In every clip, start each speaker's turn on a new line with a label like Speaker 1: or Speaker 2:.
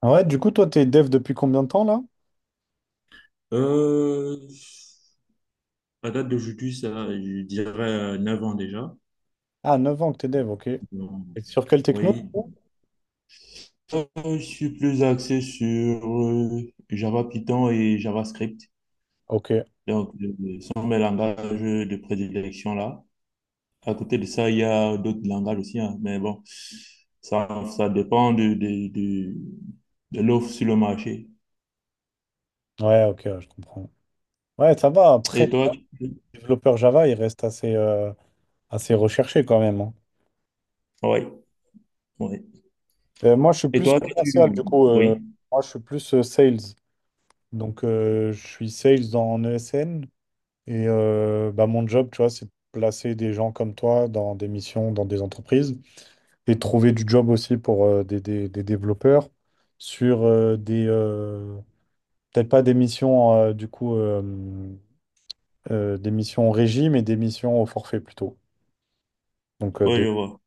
Speaker 1: Ah ouais, du coup, toi, t'es dev depuis combien de temps là?
Speaker 2: Euh, à date d'aujourd'hui, ça, je dirais 9 ans déjà.
Speaker 1: Ah, 9 ans que t'es dev, ok. Et
Speaker 2: Donc,
Speaker 1: sur quelle techno, du
Speaker 2: oui.
Speaker 1: coup?
Speaker 2: Euh, je suis plus axé sur euh, Java Python et JavaScript.
Speaker 1: Ok, ouais,
Speaker 2: Donc, ce sont mes langages de prédilection là. À côté de ça, il y a d'autres langages aussi, hein, mais bon, ça, ça dépend de l'offre sur le marché.
Speaker 1: ok, ouais, je comprends. Ouais, ça va. Après,
Speaker 2: Et toi,
Speaker 1: pour
Speaker 2: tu-
Speaker 1: développeur Java, il reste assez recherché quand même, hein.
Speaker 2: ouais, ouais.
Speaker 1: Moi, je suis
Speaker 2: Et
Speaker 1: plus
Speaker 2: toi,
Speaker 1: commercial,
Speaker 2: tu,
Speaker 1: du coup.
Speaker 2: oui,
Speaker 1: Moi, je suis plus sales. Donc, je suis sales en ESN. Et bah, mon job, tu vois, c'est de placer des gens comme toi dans des missions, dans des entreprises. Et de trouver du job aussi pour des développeurs sur peut-être pas des missions, du coup, des missions en régie, mais des missions au forfait plutôt. Donc, euh,
Speaker 2: oui,
Speaker 1: des...
Speaker 2: je vois.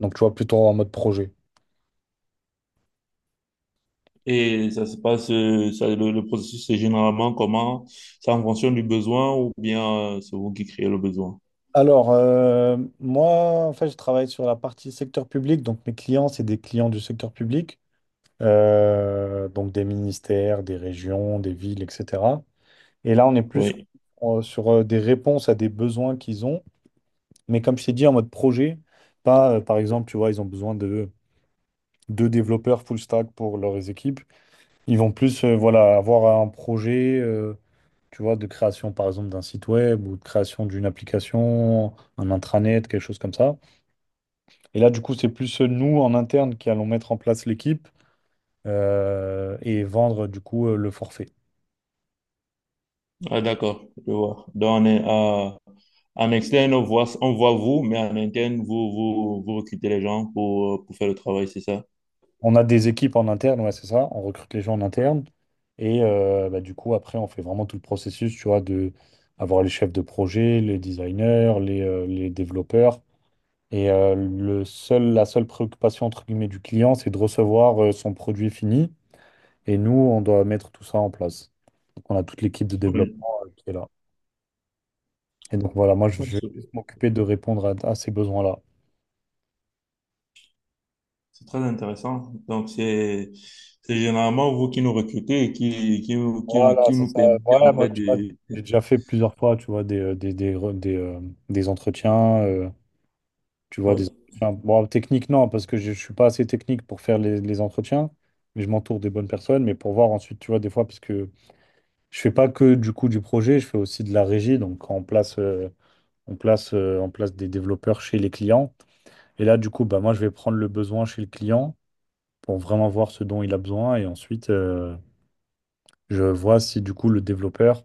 Speaker 1: Donc tu vois, plutôt en mode projet.
Speaker 2: Et ça se passe, le processus, c'est généralement comment? C'est en fonction du besoin ou bien c'est vous qui créez le besoin?
Speaker 1: Alors, moi, en fait, je travaille sur la partie secteur public. Donc, mes clients, c'est des clients du secteur public. Donc, des ministères, des régions, des villes, etc. Et là, on est plus
Speaker 2: Oui.
Speaker 1: sur des réponses à des besoins qu'ils ont. Mais comme je t'ai dit, en mode projet, pas, par exemple, tu vois, ils ont besoin de deux développeurs full stack pour leurs équipes. Ils vont plus voilà, avoir un projet tu vois, de création, par exemple, d'un site web ou de création d'une application, un intranet, quelque chose comme ça. Et là, du coup, c'est plus nous, en interne, qui allons mettre en place l'équipe et vendre, du coup, le forfait.
Speaker 2: Ah, d'accord, je vois. En externe, on voit, vous, mais en interne, vous recrutez les gens pour faire le travail, c'est ça?
Speaker 1: On a des équipes en interne, ouais, c'est ça. On recrute les gens en interne. Et bah, du coup, après, on fait vraiment tout le processus, tu vois, de avoir les chefs de projet, les designers, les développeurs. Et la seule préoccupation entre guillemets du client, c'est de recevoir son produit fini. Et nous, on doit mettre tout ça en place. Donc, on a toute l'équipe de
Speaker 2: Oui,
Speaker 1: développement qui est là. Et donc voilà, moi, je vais
Speaker 2: c'est
Speaker 1: plus m'occuper de répondre à ces besoins-là.
Speaker 2: c'est très intéressant. Donc, c'est généralement vous qui nous recrutez et qui, qui, qui,
Speaker 1: Voilà,
Speaker 2: qui
Speaker 1: c'est
Speaker 2: nous
Speaker 1: ça.
Speaker 2: permettez,
Speaker 1: Voilà,
Speaker 2: en
Speaker 1: moi,
Speaker 2: fait,
Speaker 1: tu vois,
Speaker 2: de...
Speaker 1: j'ai déjà fait plusieurs fois, tu vois, des entretiens, tu vois, des
Speaker 2: Oui,
Speaker 1: entretiens. Bon, technique, non, parce que je ne suis pas assez technique pour faire les entretiens, mais je m'entoure des bonnes personnes. Mais pour voir ensuite, tu vois, des fois, parce que je fais pas que du coup du projet, je fais aussi de la régie. Donc on place des développeurs chez les clients. Et là, du coup, bah, moi, je vais prendre le besoin chez le client pour vraiment voir ce dont il a besoin. Et ensuite, je vois si du coup le développeur,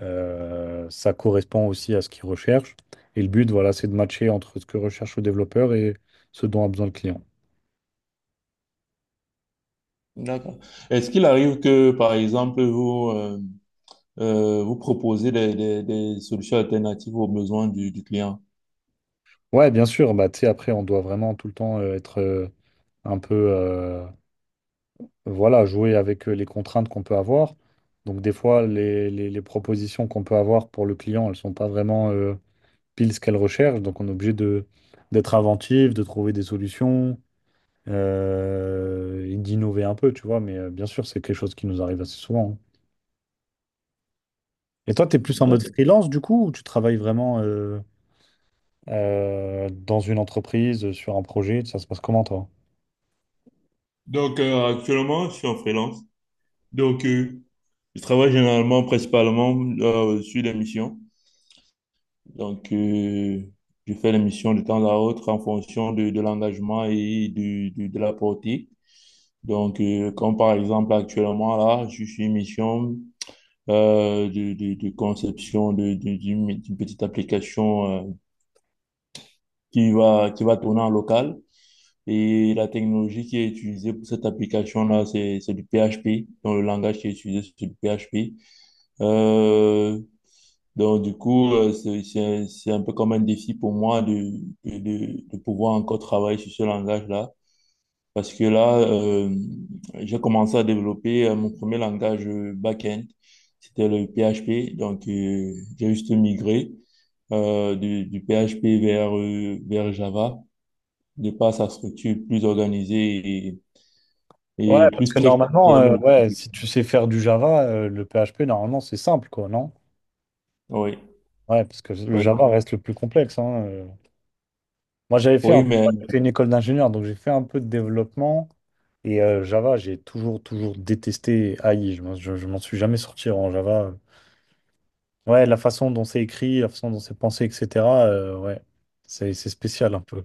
Speaker 1: ça correspond aussi à ce qu'il recherche. Et le but, voilà, c'est de matcher entre ce que recherche le développeur et ce dont a besoin le client.
Speaker 2: d'accord. Est-ce qu'il arrive que, par exemple, vous proposez des solutions alternatives aux besoins du client?
Speaker 1: Ouais, bien sûr, bah, tu sais, après, on doit vraiment tout le temps être un peu, voilà, jouer avec les contraintes qu'on peut avoir. Donc des fois, les propositions qu'on peut avoir pour le client, elles ne sont pas vraiment pile ce qu'elles recherchent. Donc on est obligé d'être inventif, de trouver des solutions et d'innover un peu, tu vois. Mais bien sûr, c'est quelque chose qui nous arrive assez souvent, hein. Et toi, tu es plus en mode
Speaker 2: D'accord.
Speaker 1: freelance du coup, ou tu travailles vraiment dans une entreprise, sur un projet? Ça se passe comment toi?
Speaker 2: Donc, actuellement, je suis en freelance. Donc, je travaille généralement, principalement, sur les missions. Donc, je fais les missions de temps à autre en fonction de l'engagement et de la portée. Donc, comme par exemple, actuellement, là, je suis une mission euh, de conception d'une petite application qui va tourner en local. Et la technologie qui est utilisée pour cette application-là, c'est du PHP. Donc, le langage qui est utilisé, c'est du PHP. Euh, donc, du coup, c'est un peu comme un défi pour moi de pouvoir encore travailler sur ce langage-là. Parce que là, j'ai commencé à développer mon premier langage back-end. C'était le PHP. Donc, j'ai juste migré du PHP vers, vers Java, de par sa structure plus organisée et
Speaker 1: Ouais,
Speaker 2: plus
Speaker 1: parce que
Speaker 2: strict en
Speaker 1: normalement,
Speaker 2: termes de...
Speaker 1: ouais, si tu sais faire du Java, le PHP, normalement, c'est simple, quoi, non?
Speaker 2: Oui,
Speaker 1: Ouais, parce que le
Speaker 2: oui,
Speaker 1: Java reste le plus complexe, hein. Moi, j'avais fait, en
Speaker 2: oui,
Speaker 1: fait,
Speaker 2: mais
Speaker 1: moi, j'ai fait une école d'ingénieur, donc j'ai fait un peu de développement. Et Java, j'ai toujours, toujours détesté AI. Je m'en suis jamais sorti en Java. Ouais, la façon dont c'est écrit, la façon dont c'est pensé, etc. Ouais, c'est spécial un peu.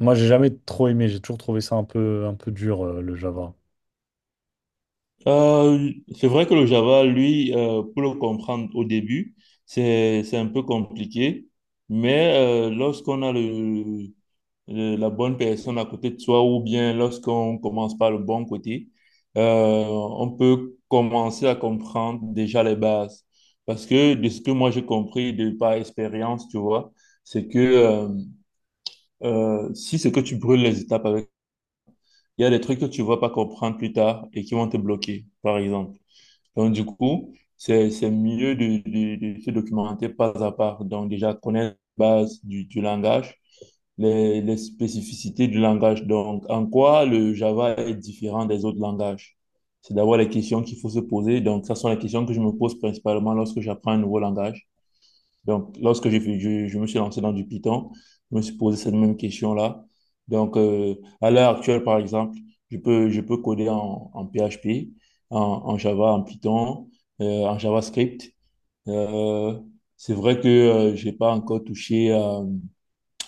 Speaker 1: Moi, j'ai jamais trop aimé. J'ai toujours trouvé ça un peu dur le Java.
Speaker 2: euh, c'est vrai que le Java, lui, pour le comprendre au début, c'est un peu compliqué, mais lorsqu'on a la bonne personne à côté de soi ou bien lorsqu'on commence par le bon côté, on peut commencer à comprendre déjà les bases. Parce que de ce que moi j'ai compris de par expérience, tu vois, c'est que si c'est que tu brûles les étapes avec il y a des trucs que tu vas pas comprendre plus tard et qui vont te bloquer, par exemple. Donc, du coup, c'est mieux de se documenter pas à pas. Donc, déjà, connaître la base du langage, les spécificités du langage. Donc, en quoi le Java est différent des autres langages? C'est d'abord les questions qu'il faut se poser. Donc, ça sont les questions que je me pose principalement lorsque j'apprends un nouveau langage. Donc, lorsque je me suis lancé dans du Python, je me suis posé cette même question-là. Donc, à l'heure actuelle, par exemple, je peux coder en PHP, en Java, en Python, en JavaScript. Euh, c'est vrai que j'ai pas encore touché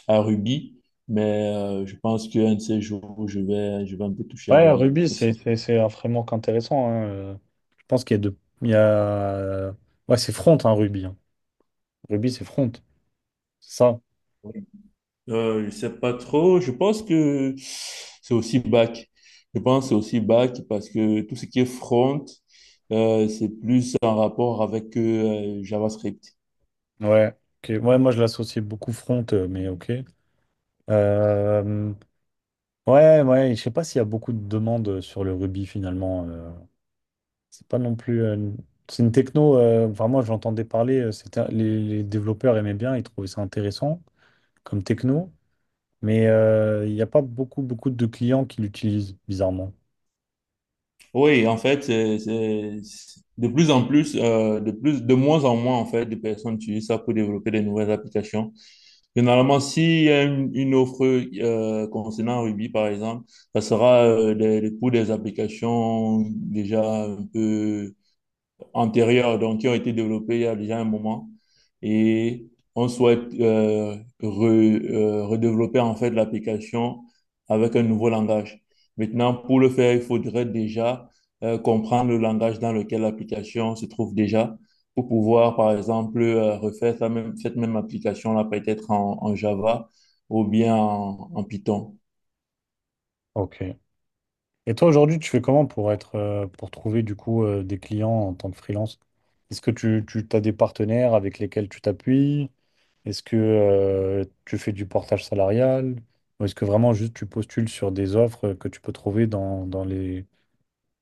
Speaker 2: à Ruby, mais je pense qu'un de ces jours, je vais un peu toucher à
Speaker 1: Ouais,
Speaker 2: Ruby
Speaker 1: Ruby, c'est
Speaker 2: aussi.
Speaker 1: c'est un framework intéressant, hein. Je pense qu'il y a deux. Il y a. Ouais, c'est front, hein, Ruby, hein. Ruby, c'est front. C'est ça.
Speaker 2: Je sais pas trop. Je pense que c'est aussi back. Je pense que c'est aussi back parce que tout ce qui est front, c'est plus en rapport avec JavaScript.
Speaker 1: Ouais. Ok. Ouais, moi, je l'associais beaucoup front, mais ok. Euh, Ouais, ouais. Je sais pas s'il y a beaucoup de demandes sur le Ruby finalement. C'est pas non plus. C'est une techno, vraiment, j'entendais parler, c'était, les développeurs aimaient bien, ils trouvaient ça intéressant comme techno, mais il n'y a pas beaucoup, beaucoup de clients qui l'utilisent, bizarrement.
Speaker 2: Oui, en fait, de plus en plus, de moins en moins, en fait, de personnes utilisent ça pour développer des nouvelles applications. Généralement, s'il y a une offre concernant Ruby, par exemple, ça sera pour des applications déjà un peu antérieures, donc qui ont été développées il y a déjà un moment. Et on souhaite redévelopper en fait l'application avec un nouveau langage. Maintenant, pour le faire, il faudrait déjà comprendre le langage dans lequel l'application se trouve déjà pour pouvoir, par exemple, refaire cette même application-là peut-être en, en Java ou bien en, en Python.
Speaker 1: Ok. Et toi, aujourd'hui, tu fais comment pour trouver du coup des clients en tant que freelance? Est-ce que tu as des partenaires avec lesquels tu t'appuies? Est-ce que tu fais du portage salarial? Ou est-ce que vraiment juste tu postules sur des offres que tu peux trouver dans, dans les,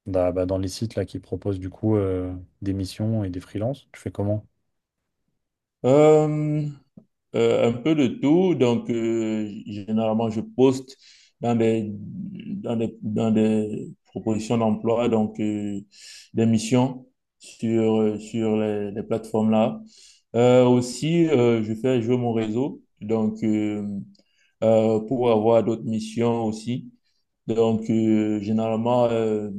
Speaker 1: Bah, bah, dans les sites là qui proposent du coup des missions et des freelances, tu fais comment?
Speaker 2: Euh, un peu de tout. Donc, généralement, je poste dans des propositions d'emploi, donc des missions sur, les plateformes-là. Aussi, je fais jouer mon réseau, donc pour avoir d'autres missions aussi. Donc, généralement,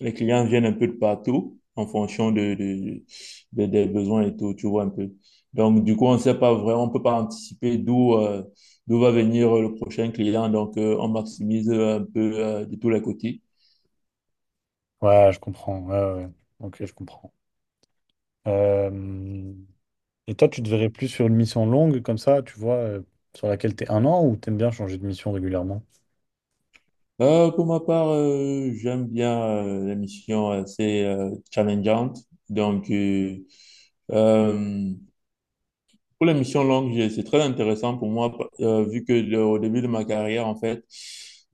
Speaker 2: les clients viennent un peu de partout en fonction des besoins et tout, tu vois un peu. Donc, du coup, on ne sait pas vraiment, on ne peut pas anticiper d'où d'où va venir le prochain client. Donc, on maximise un peu de tous les côtés.
Speaker 1: Ouais, je comprends. Ouais, ouais. Ouais. Ok, je comprends. Euh, Et toi, tu te verrais plus sur une mission longue comme ça, tu vois, sur laquelle t'es un an ou t'aimes bien changer de mission régulièrement?
Speaker 2: Pour ma part, j'aime bien l'émission assez challengeante. Donc, euh, euh, Pour les missions longues, c'est très intéressant pour moi, vu que au début de ma carrière, en fait,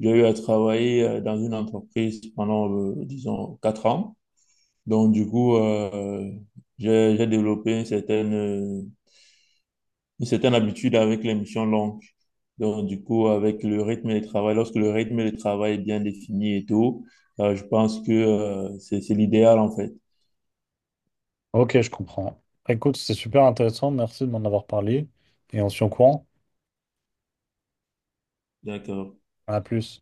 Speaker 2: j'ai eu à travailler dans une entreprise pendant, disons, 4 ans. Donc, du coup, j'ai développé une certaine habitude avec les missions longues. Donc, du coup, avec le rythme de travail, lorsque le rythme de travail est bien défini et tout, je pense que, c'est l'idéal, en fait.
Speaker 1: Ok, je comprends. Écoute, c'est super intéressant. Merci de m'en avoir parlé. Et on se tient au courant.
Speaker 2: D'accord.
Speaker 1: À plus.